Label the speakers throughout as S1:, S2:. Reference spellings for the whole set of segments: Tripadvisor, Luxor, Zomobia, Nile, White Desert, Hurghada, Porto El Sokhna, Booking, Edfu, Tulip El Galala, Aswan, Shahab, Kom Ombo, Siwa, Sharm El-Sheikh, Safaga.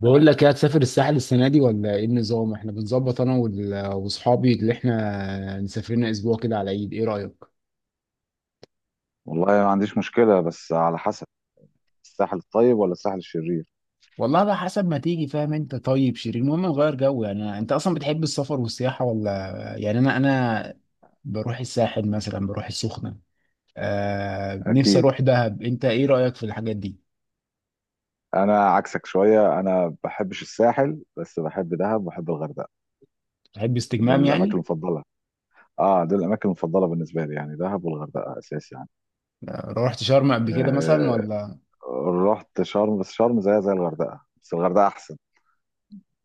S1: بقول لك ايه، هتسافر الساحل السنه دي ولا ايه النظام؟ احنا بنظبط انا واصحابي اللي احنا مسافرين اسبوع كده على العيد، ايه رايك؟
S2: والله ما عنديش مشكلة بس على حسب. الساحل الطيب ولا الساحل الشرير؟
S1: والله بقى حسب ما تيجي، فاهم انت طيب شيرين؟ المهم نغير جو. يعني انت اصلا بتحب السفر والسياحه ولا؟ يعني انا بروح الساحل مثلا، بروح السخنه. آه نفسي
S2: أكيد.
S1: اروح دهب، انت ايه رايك في الحاجات دي؟
S2: أنا عكسك شوية، أنا ما بحبش الساحل بس بحب دهب وبحب الغردقة.
S1: تحب استجمام
S2: دول الأماكن
S1: يعني؟
S2: المفضلة. آه، دول الأماكن المفضلة بالنسبة لي، يعني دهب والغردقة أساس يعني.
S1: روحت شرم قبل كده مثلا
S2: آه،
S1: ولا؟
S2: رحت شرم بس شرم زيها زي الغردقة بس الغردقة أحسن.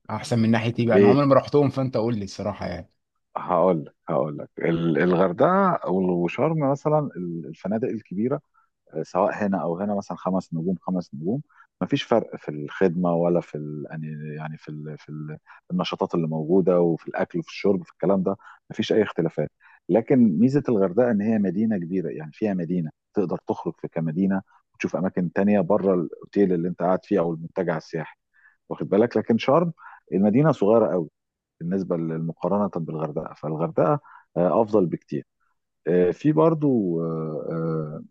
S1: احسن من ناحيه
S2: آه.
S1: ايه بقى؟ انا
S2: ليه؟
S1: عمري ما رحتهم، فانت قول لي الصراحه يعني.
S2: هقول لك الغردقة وشرم مثلا، الفنادق الكبيرة سواء هنا او هنا مثلا، خمس نجوم خمس نجوم، مفيش فرق في الخدمه ولا في ال... يعني يعني في ال... في ال... النشاطات اللي موجوده وفي الاكل وفي الشرب، في الكلام ده مفيش اي اختلافات. لكن ميزه الغردقه ان هي مدينه كبيره، يعني فيها مدينه تقدر تخرج في كمدينه وتشوف اماكن تانية بره الاوتيل اللي انت قاعد فيه او المنتجع السياحي، واخد بالك؟ لكن شرم المدينه صغيره قوي بالنسبه للمقارنه بالغردقه، فالغردقه افضل بكتير. في برضو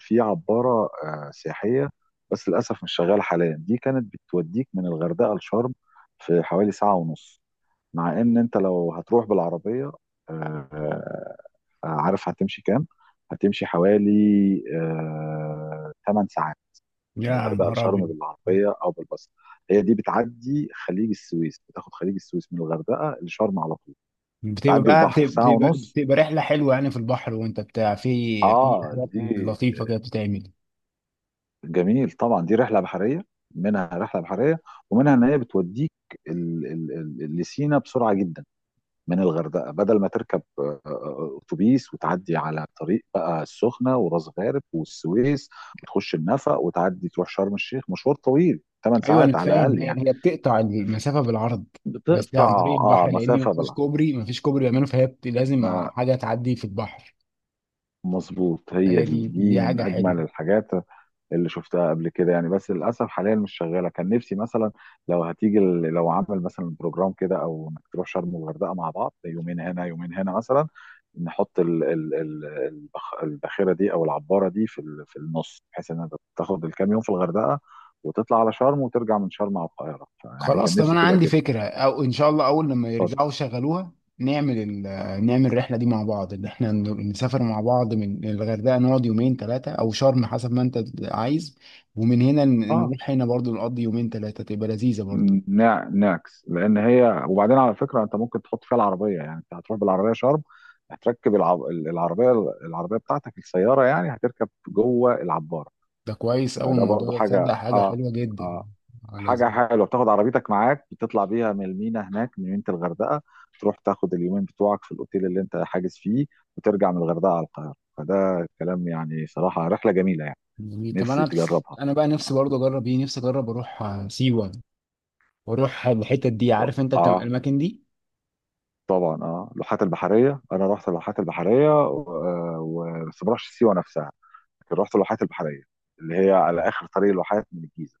S2: في عبارة سياحية، بس للأسف مش شغالة حاليا. دي كانت بتوديك من الغردقة لشرم في حوالي ساعة ونص، مع إن أنت لو هتروح بالعربية آه، آه، عارف هتمشي كام؟ هتمشي حوالي 8 ساعات من
S1: يا
S2: الغردقة
S1: نهار
S2: لشرم
S1: أبيض!
S2: بالعربية أو بالباص. هي دي بتعدي خليج السويس، بتاخد خليج السويس من الغردقة لشرم على طول.
S1: بتبقى
S2: تعدي
S1: بقى
S2: البحر
S1: بتبقى,
S2: في ساعة
S1: بتبقى,
S2: ونص.
S1: بتبقى رحلة حلوة يعني في البحر وانت بتاع، في في
S2: اه
S1: حاجات
S2: دي
S1: لطيفة كده بتتعمل.
S2: جميل طبعا، دي رحله بحريه. منها رحله بحريه ومنها ان هي بتوديك ال- ال- لسينا بسرعه جدا من الغردقه، بدل ما تركب اتوبيس وتعدي على طريق بقى السخنه وراس غارب والسويس وتخش النفق وتعدي تروح شرم الشيخ، مشوار طويل 8
S1: ايوه انا
S2: ساعات على
S1: فاهم،
S2: الاقل
S1: هي
S2: يعني.
S1: هي بتقطع المسافة بالعرض بس عن طريق
S2: بتقطع. اه،
S1: البحر، لان
S2: مسافه
S1: مفيش
S2: بلا
S1: كوبري، مفيش كوبري بيعمله، فهي لازم
S2: آه،
S1: حاجة تعدي في البحر.
S2: مظبوط. هي
S1: فهي
S2: دي
S1: دي
S2: دي
S1: دي
S2: من
S1: حاجة
S2: اجمل
S1: حلوة.
S2: الحاجات اللي شفتها قبل كده يعني، بس للاسف حاليا مش شغاله. كان نفسي مثلا لو هتيجي لو عامل مثلا بروجرام كده، او انك تروح شرم والغردقه مع بعض، يومين هنا يومين هنا مثلا، نحط الباخره دي او العباره دي في في النص، بحيث ان انت تاخد الكام يوم في الغردقه وتطلع على شرم وترجع من شرم على القاهره. يعني كان
S1: خلاص، طب
S2: نفسي
S1: انا
S2: تبقى
S1: عندي
S2: كده.
S1: فكره، او ان شاء الله اول لما
S2: اتفضل.
S1: يرجعوا يشغلوها نعمل نعمل الرحله دي مع بعض، ان احنا نسافر مع بعض من الغردقه، نقعد يومين ثلاثه او شرم حسب ما انت عايز، ومن هنا
S2: اه،
S1: نروح هنا برضو، نقضي يومين ثلاثه، تبقى لذيذه برضو.
S2: ناكس. لان هي، وبعدين على فكره، انت ممكن تحط فيها العربيه، يعني انت هتروح بالعربيه شرم، هتركب العربيه، العربيه بتاعتك السياره يعني، هتركب جوه العباره.
S1: ده كويس، اول
S2: فده
S1: الموضوع
S2: برضو
S1: ده،
S2: حاجه
S1: تصدق حاجه
S2: اه،
S1: حلوه جدا.
S2: اه،
S1: آه،
S2: حاجه
S1: لذيذ.
S2: حلوه. بتاخد عربيتك معاك، بتطلع بيها من المينا هناك من ميناء الغردقه، تروح تاخد اليومين بتوعك في الاوتيل اللي انت حاجز فيه، وترجع من الغردقه على القاهره. فده كلام يعني صراحه رحله جميله يعني.
S1: جميل. طب
S2: نفسي
S1: انا،
S2: تجربها.
S1: انا بقى نفسي برضو اجرب ايه، نفسي اجرب اروح سيوه واروح الحتت دي، عارف انت
S2: اه
S1: الاماكن دي؟
S2: طبعا، اه، اللوحات البحريه. انا رحت اللوحات البحريه بس ما رحتش سيوه نفسها، لكن رحت اللوحات البحريه اللي هي على اخر طريق الواحات من الجيزه.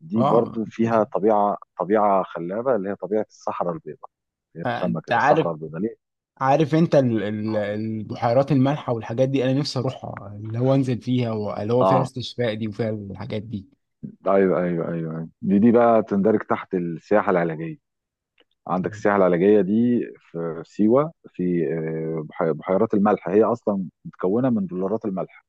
S2: دي
S1: اه.
S2: برضو فيها طبيعه خلابه، اللي هي طبيعه الصحراء البيضاء. هي
S1: آه،
S2: بتسمى
S1: انت
S2: كده
S1: عارف،
S2: الصحراء البيضاء ليه؟
S1: عارف انت
S2: اه.
S1: البحيرات المالحه والحاجات دي، انا نفسي اروحها، اللي هو انزل فيها، واللي هو فيها
S2: آه.
S1: استشفاء دي، وفيها الحاجات دي.
S2: ايوه ايوه ايوه أيوة. دي بقى تندرج تحت السياحه العلاجيه. عندك
S1: أيوة.
S2: السياحه العلاجيه دي في سيوه، في بحيرات الملح. هي اصلا متكونه من بلورات الملح،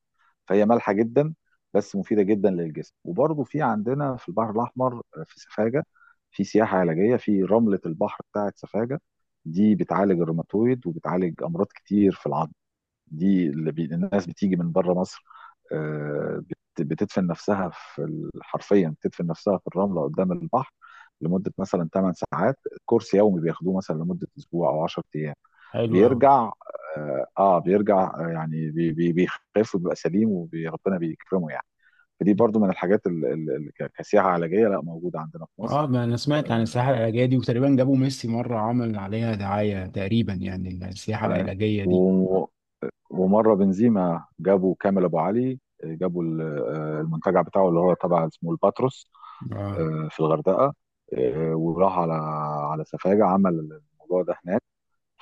S2: فهي مالحه جدا بس مفيده جدا للجسم. وبرضه في عندنا في البحر الاحمر في سفاجه، في سياحه علاجيه في رمله البحر بتاعه سفاجه. دي بتعالج الروماتويد وبتعالج امراض كتير في العظم. دي اللي الناس بتيجي من بره مصر آه، بتدفن نفسها في حرفيا بتدفن نفسها في الرمله قدام البحر لمده مثلا 8 ساعات. كورس يومي بياخدوه مثلا لمده اسبوع او 10 ايام.
S1: حلو أوي.
S2: بيرجع اه، بيرجع بيخف وبيبقى سليم وربنا بيكرمه يعني. فدي برضو من الحاجات اللي كسياحة علاجية لا موجودة عندنا في مصر.
S1: اه، ما انا سمعت عن السياحه
S2: آه،
S1: العلاجيه دي، وتقريبا جابوا ميسي مره عمل عليها دعايه تقريبا، يعني السياحه
S2: ايوه،
S1: العلاجيه دي.
S2: و- ومرة بنزيما جابوا كامل ابو علي، آه، جابوا ال- آه، المنتجع بتاعه اللي هو طبعا اسمه الباتروس
S1: اه.
S2: في الغردقة. وراح على على سفاجة، عمل الموضوع ده هناك.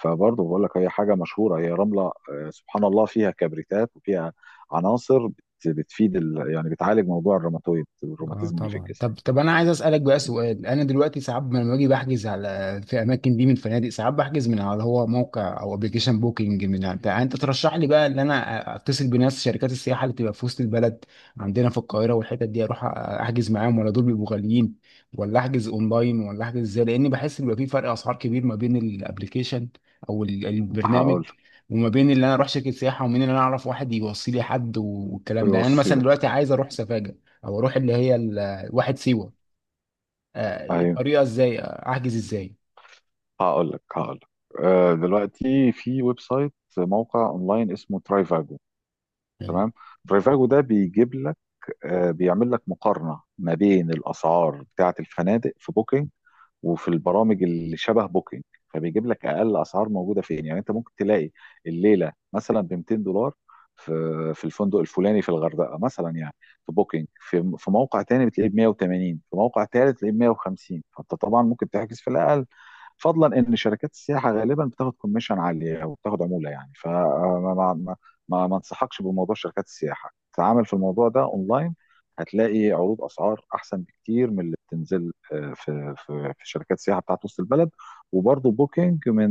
S2: فبرضه بقول لك هي حاجه مشهوره، هي رمله سبحان الله فيها كبريتات وفيها عناصر بتفيد يعني بتعالج موضوع الروماتويد،
S1: اه
S2: الروماتيزم اللي في
S1: طبعا.
S2: الجسم.
S1: طب، انا عايز اسالك بقى سؤال. انا دلوقتي ساعات لما باجي بحجز على، في اماكن دي من فنادق، ساعات بحجز من على، هو موقع او ابلكيشن بوكينج من بتاع، انت ترشح لي بقى ان انا اتصل بناس شركات السياحه اللي بتبقى في وسط البلد عندنا في القاهره والحتت دي، اروح احجز معاهم، ولا دول بيبقوا غاليين، ولا احجز اونلاين، ولا احجز ازاي؟ لاني بحس ان بيبقى في فرق اسعار كبير ما بين الابلكيشن او البرنامج،
S2: هقول لك.
S1: وما بين اللي انا اروح شركه سياحه، ومين اللي انا اعرف واحد يوصي لي حد والكلام ده. يعني انا
S2: يوصي
S1: مثلا
S2: لك.
S1: دلوقتي عايز اروح سفاجه، او اروح اللي هي واحد سيوه،
S2: ايوه.
S1: الطريقه ازاي، احجز ازاي؟
S2: هقول لك دلوقتي في ويب سايت، موقع اونلاين اسمه ترايفاجو.
S1: يعني
S2: تمام. ترايفاجو ده بيجيب لك بيعمل لك مقارنه ما بين الاسعار بتاعه الفنادق في بوكينج وفي البرامج اللي شبه بوكينج. فبيجيب لك اقل اسعار موجوده فين. يعني انت ممكن تلاقي الليله مثلا ب $200 في في الفندق الفلاني في الغردقه مثلا يعني، في بوكينج، في في موقع تاني بتلاقيه ب 180، في موقع تالت تلاقيه ب 150. فانت طبعا ممكن تحجز في الاقل. فضلا ان شركات السياحه غالبا بتاخد كوميشن عاليه وبتاخد عموله يعني. فما ما ما ما ما انصحكش بموضوع شركات السياحه، تعامل في الموضوع ده اونلاين. هتلاقي عروض اسعار احسن بكتير من اللي بتنزل في شركات السياحه بتاعت وسط البلد. وبرضه بوكينج من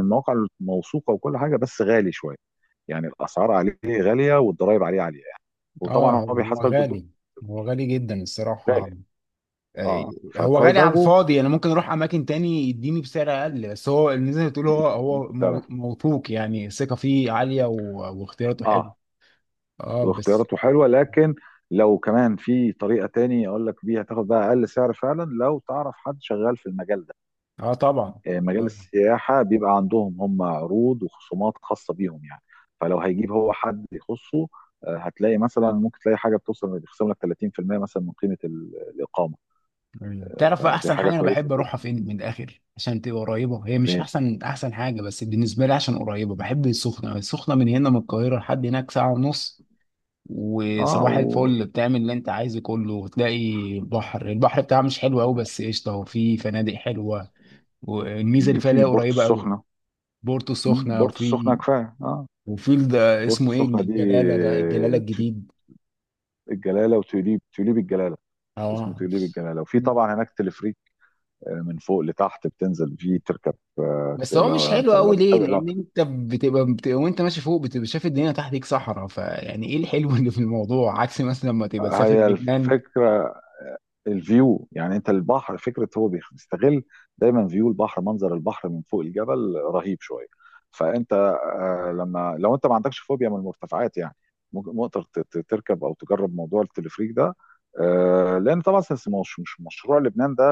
S2: المواقع الموثوقه وكل حاجه، بس غالي شويه، يعني الاسعار عليه غاليه والضرايب عليه عاليه يعني،
S1: اه،
S2: وطبعا هو
S1: هو
S2: بيحاسبك بالدولار.
S1: غالي، هو غالي جدا الصراحة.
S2: غالي
S1: آه،
S2: اه.
S1: هو غالي على
S2: فترايفاجو
S1: الفاضي. انا ممكن اروح اماكن تاني يديني بسعر اقل، بس هو اللي زي ما بتقول، هو
S2: دي
S1: هو
S2: بتعرف.
S1: موثوق يعني، الثقة فيه عالية واختياراته حلو.
S2: اه.
S1: اه بس.
S2: واختياراته حلوه. لكن لو كمان في طريقه تاني اقول لك بيها تاخد بقى اقل سعر فعلا، لو تعرف حد شغال في المجال ده،
S1: اه طبعا.
S2: مجال
S1: طبعا.
S2: السياحه، بيبقى عندهم هم عروض وخصومات خاصه بيهم يعني. فلو هيجيب هو حد يخصه هتلاقي مثلا، ممكن تلاقي حاجه بتوصل بيخصم لك 30% مثلا من قيمه الاقامه.
S1: مم. تعرف بقى
S2: فدي
S1: احسن
S2: حاجه
S1: حاجه انا
S2: كويسه
S1: بحب اروحها
S2: جدا.
S1: فين من الاخر، عشان تبقى قريبه، هي مش
S2: فين؟
S1: احسن حاجه، بس بالنسبه لي عشان قريبه، بحب السخنه. السخنه من هنا من القاهره لحد هناك ساعه ونص،
S2: اه.
S1: وصباح
S2: وفي.
S1: الفل بتعمل اللي انت عايزه كله، وتلاقي بحر، البحر بتاعها مش حلو قوي بس قشطه، وفي فنادق حلوه، والميزه اللي فيها اللي
S2: في
S1: هي
S2: بورتو
S1: قريبه قوي.
S2: السخنه.
S1: بورتو
S2: مم،
S1: السخنه،
S2: بورتو السخنه
S1: وفي
S2: كفايه اه.
S1: وفي ده
S2: بورتو
S1: اسمه ايه،
S2: السخنه دي
S1: الجلاله، ده الجلاله
S2: آه،
S1: الجديد.
S2: الجلاله وتوليب، توليب الجلاله. اسمه
S1: اه.
S2: تقليب الجلاله. وفي طبعا هناك تلفريك من فوق لتحت، بتنزل فيه تركب آه.
S1: بس هو مش حلو قوي.
S2: تقلب.
S1: ليه؟ لان انت بتبقى وانت ماشي فوق، بتبقى شايف الدنيا تحتك صحراء، فيعني ايه الحلو اللي في الموضوع؟ عكس مثلا لما تبقى تسافر
S2: هي
S1: لبنان.
S2: الفكره الفيو، يعني انت البحر فكره هو بيستغل دايما فيو البحر، منظر البحر من فوق الجبل رهيب شويه. فانت لما لو انت ما عندكش فوبيا من المرتفعات يعني، ممكن ممكن تركب او تجرب موضوع التلفريك ده لان طبعا مش مشروع لبنان ده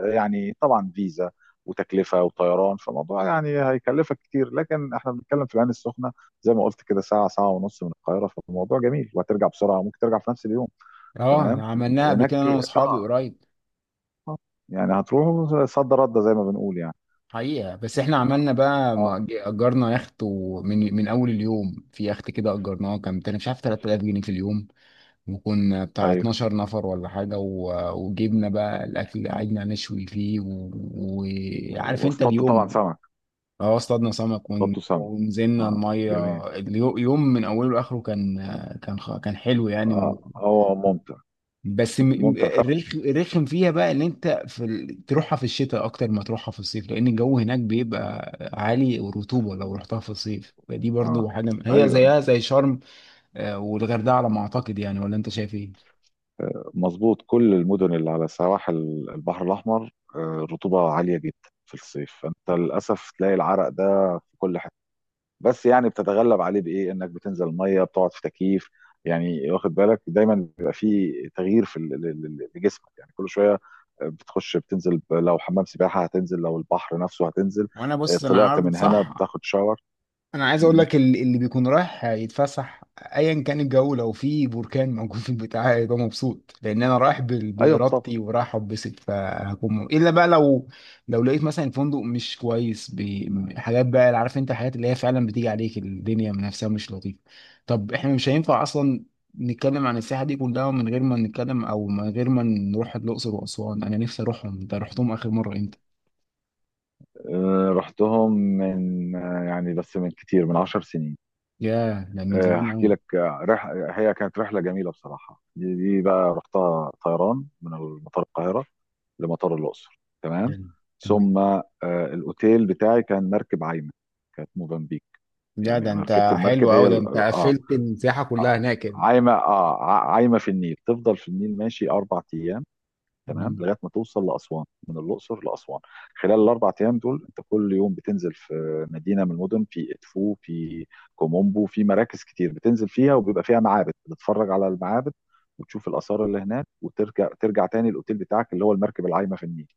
S2: يعني طبعا فيزا وتكلفه وطيران، فالموضوع يعني هيكلفك كتير. لكن احنا بنتكلم في العين السخنه، زي ما قلت كده، ساعه ساعه ونص من القاهره، فالموضوع جميل وهترجع بسرعه، ممكن ترجع في نفس اليوم.
S1: اه،
S2: تمام.
S1: عملناها قبل كده
S2: هناك.
S1: انا واصحابي
S2: اه.
S1: قريب.
S2: آه. يعني هتروحوا صد رد زي ما بنقول يعني.
S1: حقيقة، بس احنا عملنا بقى، ما
S2: اه.
S1: اجرنا يخت، ومن اول اليوم في يخت كده، اجرناه كان مش عارف 3000 جنيه في اليوم، وكنا بتاع
S2: ايوه.
S1: 12 نفر ولا حاجة، وجبنا بقى الاكل، قعدنا نشوي فيه وعارف، وعارف انت
S2: واصطادت طبعا
S1: اليوم.
S2: سمك.
S1: اه اصطادنا سمك،
S2: اصطادتوا سمك.
S1: ونزلنا
S2: اه. جميل.
S1: الميه، اليوم من اوله لاخره كان، كان كان حلو يعني
S2: اه،
S1: و...
S2: هو ممتع.
S1: بس
S2: ممتع فعلا.
S1: الرخم فيها بقى، ان انت في تروحها في الشتاء اكتر ما تروحها في الصيف، لان الجو هناك بيبقى عالي والرطوبه، لو رحتها في الصيف فدي برضو
S2: اه.
S1: حاجه، هي
S2: ايوه.
S1: زيها زي شرم، آه، والغردقه على ما اعتقد يعني، ولا انت شايف ايه؟
S2: مظبوط. كل المدن اللي على سواحل البحر الاحمر الرطوبه عاليه جدا في الصيف، فانت للاسف تلاقي العرق ده في كل حته. بس يعني بتتغلب عليه بايه؟ انك بتنزل الميه، بتقعد في تكييف، يعني واخد بالك دايما بيبقى في تغيير في لجسمك يعني كل شويه، بتخش، بتنزل لو حمام سباحه، هتنزل لو البحر نفسه هتنزل
S1: وانا بص انا
S2: طلعت
S1: عارض
S2: من هنا
S1: صح.
S2: بتاخد شاور.
S1: انا عايز اقول
S2: مهم.
S1: لك اللي بيكون رايح يتفسح، ايا كان الجو، لو في بركان موجود في البتاع هيبقى مبسوط، لان انا رايح
S2: ايوه طب.
S1: بارادتي، ورايح اتبسط، فهكون، الا بقى لو، لو لقيت مثلا الفندق مش كويس بحاجات بقى، اللي عارف انت الحاجات اللي هي فعلا بتيجي عليك الدنيا من نفسها مش لطيفه. طب احنا مش هينفع اصلا نتكلم عن السياحه دي كلها من غير ما نتكلم، او من غير ما نروح الاقصر واسوان، انا نفسي اروحهم. انت رحتهم اخر مره امتى؟
S2: رحتهم من يعني بس من كتير، من عشر سنين.
S1: ياه، ده من زمان
S2: هحكي
S1: قوي.
S2: لك. هي كانت رحله جميله بصراحه. دي بقى رحتها طيران من مطار القاهره لمطار الاقصر. تمام.
S1: حلو، تمام.
S2: ثم الاوتيل بتاعي كان مركب عايمه. كانت موزمبيق.
S1: يا
S2: يعني
S1: ده
S2: انا ركبت
S1: انت
S2: المركب،
S1: حلو
S2: هي
S1: قوي، ده انت قفلت السياحه
S2: اه
S1: كلها هناك كده.
S2: عايمه، اه، عايمه في النيل، تفضل في النيل ماشي اربع ايام. تمام.
S1: مم.
S2: لغايه ما توصل لاسوان، من الاقصر لاسوان. خلال الاربع ايام دول انت كل يوم بتنزل في مدينه من المدن، في ادفو، في كومومبو، في مراكز كتير بتنزل فيها وبيبقى فيها معابد، بتتفرج على المعابد وتشوف الاثار اللي هناك، وترجع ترجع تاني الاوتيل بتاعك اللي هو المركب العايمه في النيل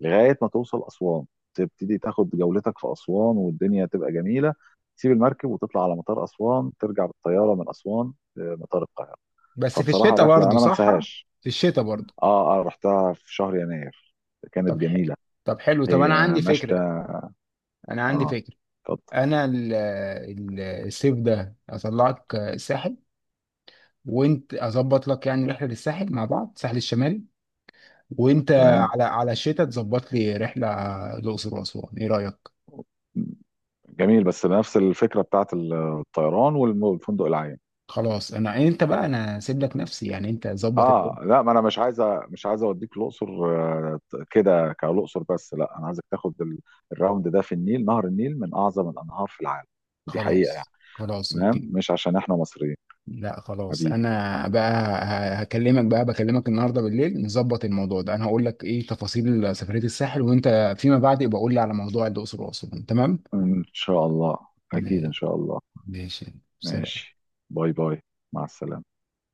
S2: لغايه ما توصل اسوان. تبتدي تاخد جولتك في اسوان والدنيا تبقى جميله. تسيب المركب وتطلع على مطار اسوان، ترجع بالطياره من اسوان لمطار القاهره.
S1: بس في
S2: فبصراحه
S1: الشتاء
S2: رحله
S1: برضه،
S2: انا ما
S1: صح؟
S2: انساهاش.
S1: في الشتاء برضه.
S2: اه، اه، رحتها في شهر يناير، كانت
S1: طب ح...
S2: جميله.
S1: طب حلو، طب
S2: هي
S1: انا عندي
S2: مشتى.
S1: فكره، انا عندي
S2: اه،
S1: فكره
S2: اتفضل.
S1: انا الصيف ده اطلعك الساحل، وانت اظبط لك يعني رحله للساحل مع بعض، الساحل الشمالي، وانت
S2: تمام.
S1: على، على الشتاء تظبط لي رحله الاقصر واسوان، ايه رايك؟
S2: جميل، بس نفس الفكره بتاعت الطيران والفندق العام.
S1: خلاص، انا انت بقى، انا سيب لك نفسي يعني، انت ظبط الدنيا.
S2: اه لا، ما انا مش عايزه اوديك الاقصر آه، كده كالاقصر بس، لا انا عايزك تاخد الراوند ده في النيل. نهر النيل من اعظم الانهار في العالم ودي حقيقه يعني،
S1: خلاص
S2: تمام؟
S1: اوكي.
S2: مش عشان احنا مصريين،
S1: لا خلاص
S2: حبيبي.
S1: انا بقى، هكلمك بقى، بكلمك النهارده بالليل نظبط الموضوع ده، انا هقول لك ايه تفاصيل سفريه الساحل، وانت فيما بعد يبقى قول لي على موضوع الاقصر واسوان، تمام؟
S2: ان شاء الله. اكيد
S1: م-
S2: ان شاء الله.
S1: ماشي، سلام.
S2: ماشي. باي باي. مع السلامه.